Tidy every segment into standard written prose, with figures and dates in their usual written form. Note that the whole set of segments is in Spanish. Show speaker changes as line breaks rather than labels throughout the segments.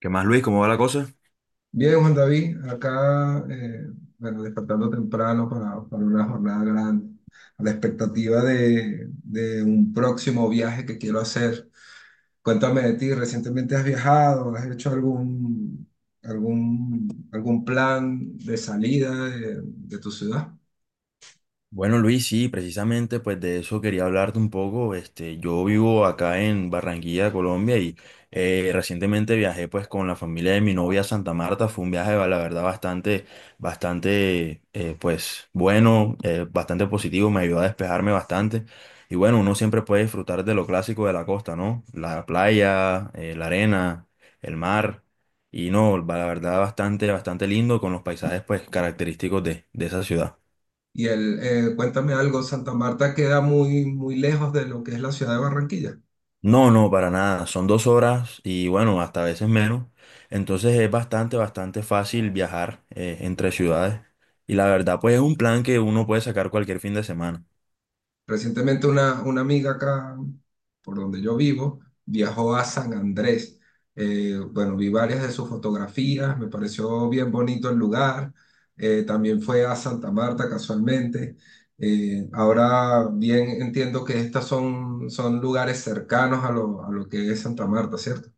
¿Qué más, Luis? ¿Cómo va la cosa?
Bien, Juan David, acá, bueno, despertando temprano para una jornada grande, a la expectativa de un próximo viaje que quiero hacer. Cuéntame de ti, ¿recientemente has viajado? ¿Has hecho algún plan de salida de tu ciudad?
Bueno, Luis, sí, precisamente pues de eso quería hablarte un poco. Yo vivo acá en Barranquilla, Colombia, y recientemente viajé pues con la familia de mi novia a Santa Marta. Fue un viaje, la verdad, bastante, pues bueno, bastante positivo, me ayudó a despejarme bastante. Y bueno, uno siempre puede disfrutar de lo clásico de la costa, ¿no? La playa, la arena, el mar. Y no, la verdad, bastante lindo con los paisajes pues característicos de esa ciudad.
Cuéntame algo, Santa Marta queda muy lejos de lo que es la ciudad de Barranquilla.
No, no, para nada. Son 2 horas y bueno, hasta a veces menos. Entonces es bastante fácil viajar entre ciudades. Y la verdad, pues es un plan que uno puede sacar cualquier fin de semana.
Recientemente una amiga acá por donde yo vivo, viajó a San Andrés. Bueno, Vi varias de sus fotografías, me pareció bien bonito el lugar. También fue a Santa Marta casualmente. Ahora bien, entiendo que estos son lugares cercanos a a lo que es Santa Marta, ¿cierto?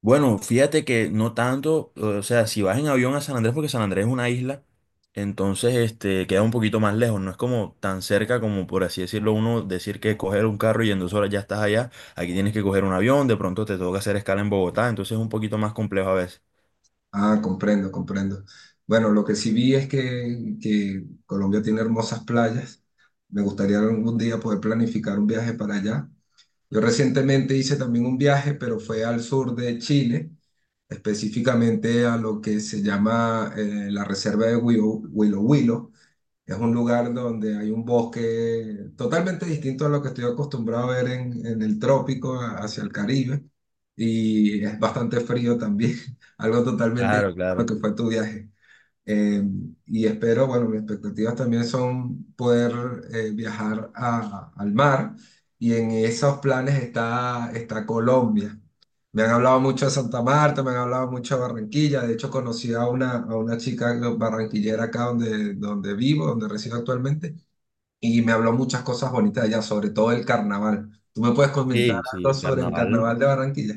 Bueno, fíjate que no tanto, o sea, si vas en avión a San Andrés, porque San Andrés es una isla, entonces este queda un poquito más lejos, no es como tan cerca como, por así decirlo, uno decir que coger un carro y en 2 horas ya estás allá. Aquí tienes que coger un avión, de pronto te toca hacer escala en Bogotá, entonces es un poquito más complejo a veces.
Ah, comprendo, comprendo. Bueno, lo que sí vi es que Colombia tiene hermosas playas. Me gustaría algún día poder planificar un viaje para allá. Yo recientemente hice también un viaje, pero fue al sur de Chile, específicamente a lo que se llama la reserva de Huilo Huilo. Huilo. Es un lugar donde hay un bosque totalmente distinto a lo que estoy acostumbrado a ver en el trópico, hacia el Caribe, y es bastante frío también, algo totalmente
Claro,
distinto a lo
claro.
que fue tu viaje. Eh, y espero, bueno, mis expectativas también son poder viajar al mar y en esos planes está Colombia. Me han hablado mucho de Santa Marta, me han hablado mucho de Barranquilla. De hecho, conocí a a una chica barranquillera acá donde vivo, donde resido actualmente, y me habló muchas cosas bonitas de allá, sobre todo el carnaval. ¿Tú me puedes comentar
Sí,
algo
sí,
sobre el
carnaval.
carnaval de Barranquilla?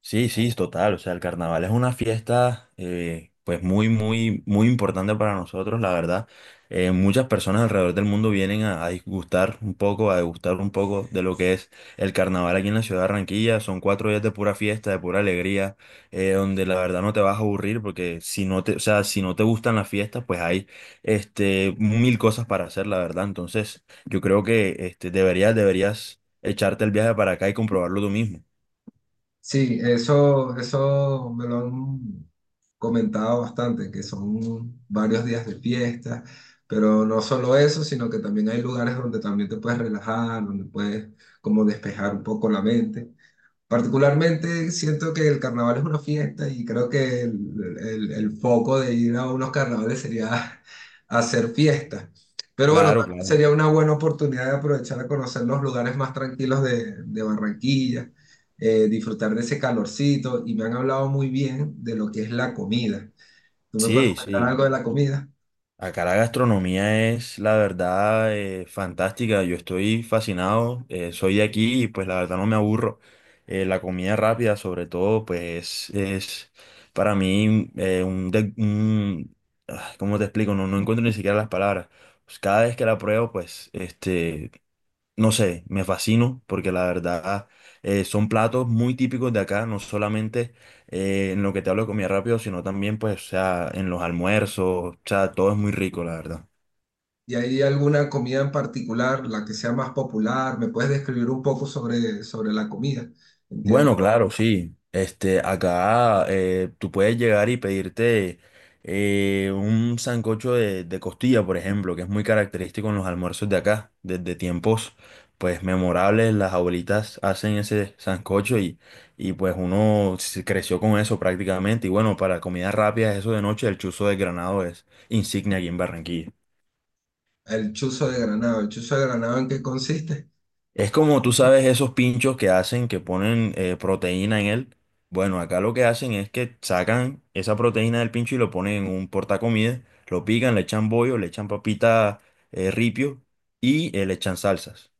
Sí, sí, total. O sea, el carnaval es una fiesta, pues muy, muy, muy importante para nosotros, la verdad. Muchas personas alrededor del mundo vienen a disgustar un poco, a degustar un poco de lo que es el carnaval aquí en la ciudad de Barranquilla. Son 4 días de pura fiesta, de pura alegría, donde la verdad no te vas a aburrir, porque o sea, si no te gustan las fiestas, pues hay, mil cosas para hacer, la verdad. Entonces, yo creo que, deberías echarte el viaje para acá y comprobarlo tú mismo.
Sí, eso me lo han comentado bastante, que son varios días de fiesta, pero no solo eso, sino que también hay lugares donde también te puedes relajar, donde puedes como despejar un poco la mente. Particularmente siento que el carnaval es una fiesta y creo que el foco de ir a unos carnavales sería hacer fiesta. Pero bueno,
Claro,
también
claro.
sería una buena oportunidad de aprovechar a conocer los lugares más tranquilos de Barranquilla, disfrutar de ese calorcito y me han hablado muy bien de lo que es la comida. ¿Tú me puedes
Sí,
comentar
sí.
algo de la comida?
Acá la gastronomía es, la verdad, fantástica. Yo estoy fascinado. Soy de aquí y pues la verdad no me aburro. La comida rápida, sobre todo, pues es para mí. Un, de- un- ah, ¿Cómo te explico? No, no encuentro ni siquiera las palabras. Pues, cada vez que la pruebo, pues no sé, me fascino porque la verdad son platos muy típicos de acá, no solamente en lo que te hablo de comida rápido, sino también pues, o sea, en los almuerzos, o sea, todo es muy rico, la verdad.
¿Y hay alguna comida en particular, la que sea más popular? ¿Me puedes describir un poco sobre la comida?
Bueno, claro,
Entiendo.
sí. Acá tú puedes llegar y pedirte un sancocho de costilla, por ejemplo, que es muy característico en los almuerzos de acá. Desde tiempos, pues, memorables, las abuelitas hacen ese sancocho y pues uno se creció con eso prácticamente. Y bueno, para comidas rápidas, eso de noche, el chuzo de Granado es insignia aquí en Barranquilla.
El chuzo de Granado. ¿El chuzo de Granado en qué consiste?
Es como tú sabes esos pinchos que hacen, que ponen proteína en él. Bueno, acá lo que hacen es que sacan esa proteína del pincho y lo ponen en un portacomidas, lo pican, le echan bollo, le echan papita ripio y le echan salsas.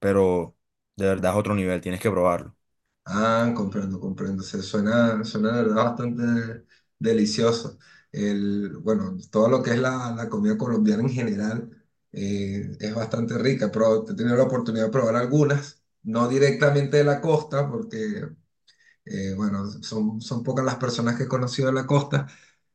Pero de verdad es otro nivel, tienes que probarlo.
Ah, comprendo, comprendo. Se suena, suena de verdad bastante delicioso. El, bueno, todo lo que es la comida colombiana en general es bastante rica. Pero he tenido la oportunidad de probar algunas, no directamente de la costa, porque, bueno, son pocas las personas que he conocido de la costa,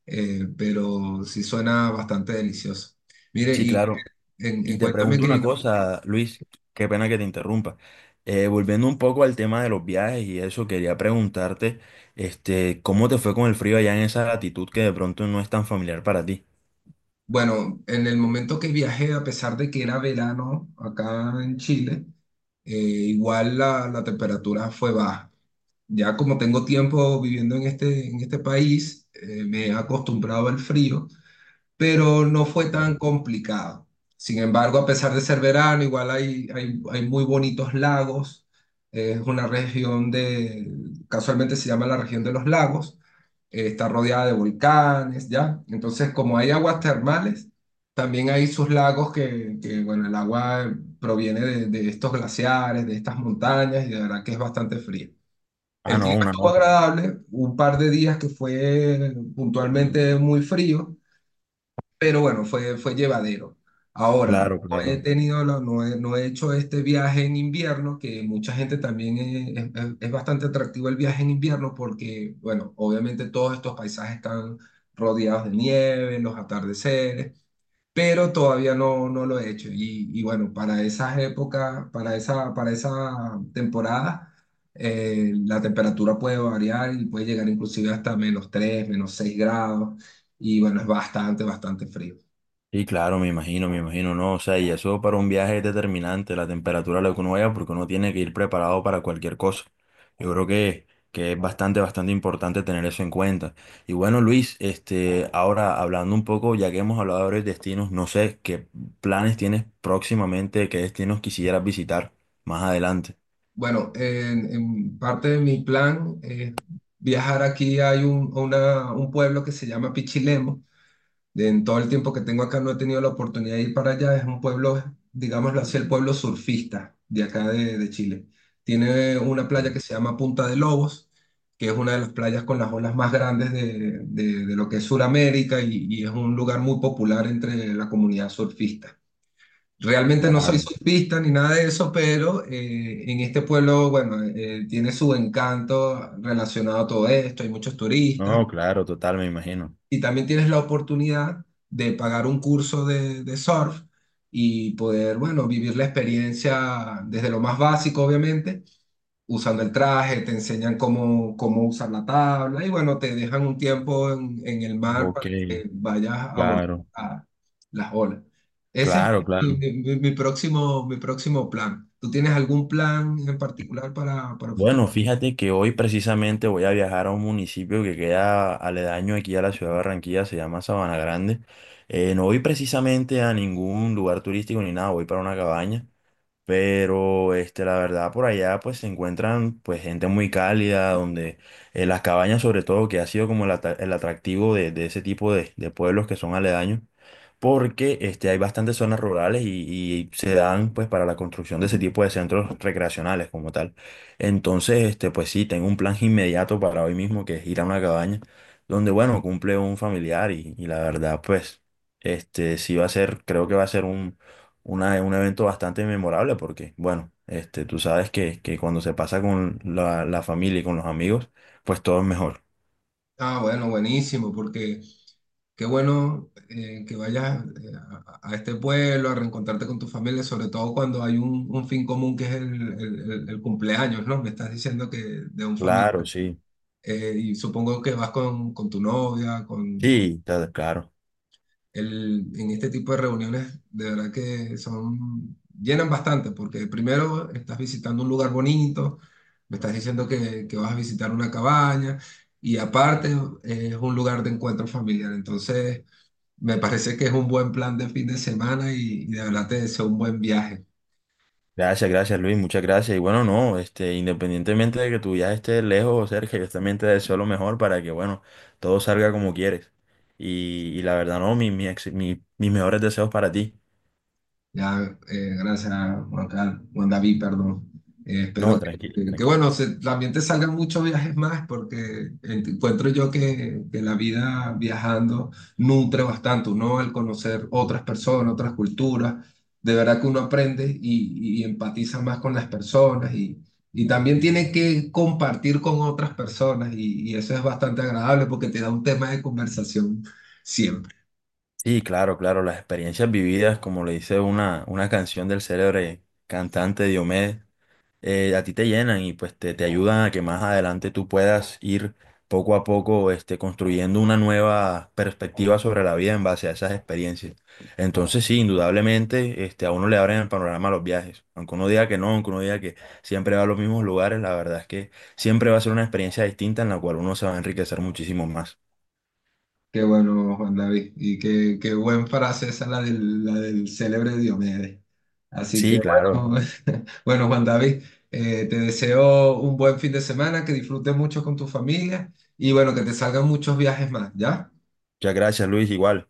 pero sí suena bastante delicioso. Mire,
Sí,
y
claro. Y te
cuéntame
pregunto una
que,
cosa, Luis, qué pena que te interrumpa. Volviendo un poco al tema de los viajes y eso, quería preguntarte, ¿cómo te fue con el frío allá en esa latitud que de pronto no es tan familiar para ti?
bueno, en el momento que viajé, a pesar de que era verano acá en Chile, igual la temperatura fue baja. Ya como tengo tiempo viviendo en en este país, me he acostumbrado al frío, pero no fue tan
Claro.
complicado. Sin embargo, a pesar de ser verano, igual hay muy bonitos lagos. Es una región de, casualmente se llama la región de los lagos. Está rodeada de volcanes, ¿ya? Entonces, como hay aguas termales, también hay sus lagos que, bueno, el agua proviene de estos glaciares, de estas montañas, y de verdad que es bastante fría.
Ah,
El
no,
clima
una
estuvo
nota.
agradable, un par de días que fue puntualmente muy frío, pero bueno, fue, fue llevadero. Ahora,
Claro,
no he
claro.
tenido, no he hecho este viaje en invierno, que mucha gente también es bastante atractivo el viaje en invierno porque, bueno, obviamente todos estos paisajes están rodeados de nieve, los atardeceres, pero todavía no, no lo he hecho. Y bueno, para esas épocas, para esa temporada, la temperatura puede variar y puede llegar inclusive hasta menos tres, menos 6 grados. Y bueno, es bastante, bastante frío.
Sí, claro, me imagino, no, o sea, y eso para un viaje es determinante, la temperatura, lo que uno vaya, porque uno tiene que ir preparado para cualquier cosa. Yo creo que es bastante importante tener eso en cuenta. Y bueno, Luis, ahora hablando un poco, ya que hemos hablado de varios destinos, no sé qué planes tienes próximamente, qué destinos quisieras visitar más adelante.
Bueno, en parte de mi plan es viajar aquí. Hay un pueblo que se llama Pichilemu. En todo el tiempo que tengo acá no he tenido la oportunidad de ir para allá. Es un pueblo, digámoslo así, el pueblo surfista de acá de Chile. Tiene una playa
Sí,
que se llama Punta de Lobos, que es una de las playas con las olas más grandes de lo que es Sudamérica, y es un lugar muy popular entre la comunidad surfista. Realmente no soy
claro.
surfista ni nada de eso, pero en este pueblo, bueno, tiene su encanto relacionado a todo esto, hay muchos turistas
No, claro, total, me imagino.
y también tienes la oportunidad de pagar un curso de surf y poder, bueno, vivir la experiencia desde lo más básico, obviamente, usando el traje, te enseñan cómo usar la tabla y bueno, te dejan un tiempo en el mar
Ok,
para que vayas a abordar
claro,
a las olas. Ese es
claro, claro.
mi próximo plan. ¿Tú tienes algún plan en particular para el futuro?
Bueno, fíjate que hoy precisamente voy a viajar a un municipio que queda aledaño aquí a la ciudad de Barranquilla, se llama Sabana Grande. No voy precisamente a ningún lugar turístico ni nada, voy para una cabaña, pero la verdad, por allá pues se encuentran pues gente muy cálida, donde las cabañas sobre todo, que ha sido como el atractivo de ese tipo de pueblos que son aledaños, porque hay bastantes zonas rurales y se dan pues para la construcción de ese tipo de centros recreacionales como tal. Entonces, pues sí, tengo un plan inmediato para hoy mismo que es ir a una cabaña donde, bueno, cumple un familiar y la verdad, pues, sí va a ser, creo que va a ser un evento bastante memorable porque, bueno, tú sabes que cuando se pasa con la familia y con los amigos, pues todo es mejor.
Ah, bueno, buenísimo, porque qué bueno que vayas a este pueblo a reencontrarte con tu familia, sobre todo cuando hay un fin común que es el cumpleaños, ¿no? Me estás diciendo que de un familiar.
Claro, sí.
Y supongo que vas con tu novia, con
Sí, claro.
el, en este tipo de reuniones, de verdad que son, llenan bastante, porque primero estás visitando un lugar bonito, me estás diciendo que vas a visitar una cabaña, y aparte es un lugar de encuentro familiar. Entonces, me parece que es un buen plan de fin de semana y de verdad te deseo un buen viaje.
Gracias, gracias Luis, muchas gracias. Y bueno, no, independientemente de que tu viaje esté lejos o cerca, yo también te deseo lo mejor para que, bueno, todo salga como quieres. Y la verdad, no, mis mejores deseos para ti.
Ya, gracias, Juan Carlos, Juan David, perdón. Espero
No, tranquilo, tranquilo.
bueno, también te salgan muchos viajes más, porque encuentro yo que la vida viajando nutre bastante, ¿no? Al conocer otras personas, otras culturas, de verdad que uno aprende y empatiza más con las personas y también tiene que compartir con otras personas y eso es bastante agradable porque te da un tema de conversación siempre.
Sí, claro, claro, las experiencias vividas, como le dice una canción del célebre cantante Diomedes. A ti te llenan y pues te ayudan a que más adelante tú puedas ir poco a poco construyendo una nueva perspectiva sobre la vida en base a esas experiencias. Entonces sí, indudablemente a uno le abren el panorama los viajes. Aunque uno diga que no, aunque uno diga que siempre va a los mismos lugares, la verdad es que siempre va a ser una experiencia distinta en la cual uno se va a enriquecer muchísimo más.
Qué bueno, Juan David. Y qué, qué buen frase esa, la del célebre Diomedes. Así que
Sí, claro.
bueno, bueno, Juan David, te deseo un buen fin de semana, que disfrutes mucho con tu familia y bueno, que te salgan muchos viajes más, ¿ya?
Muchas gracias, Luis, igual.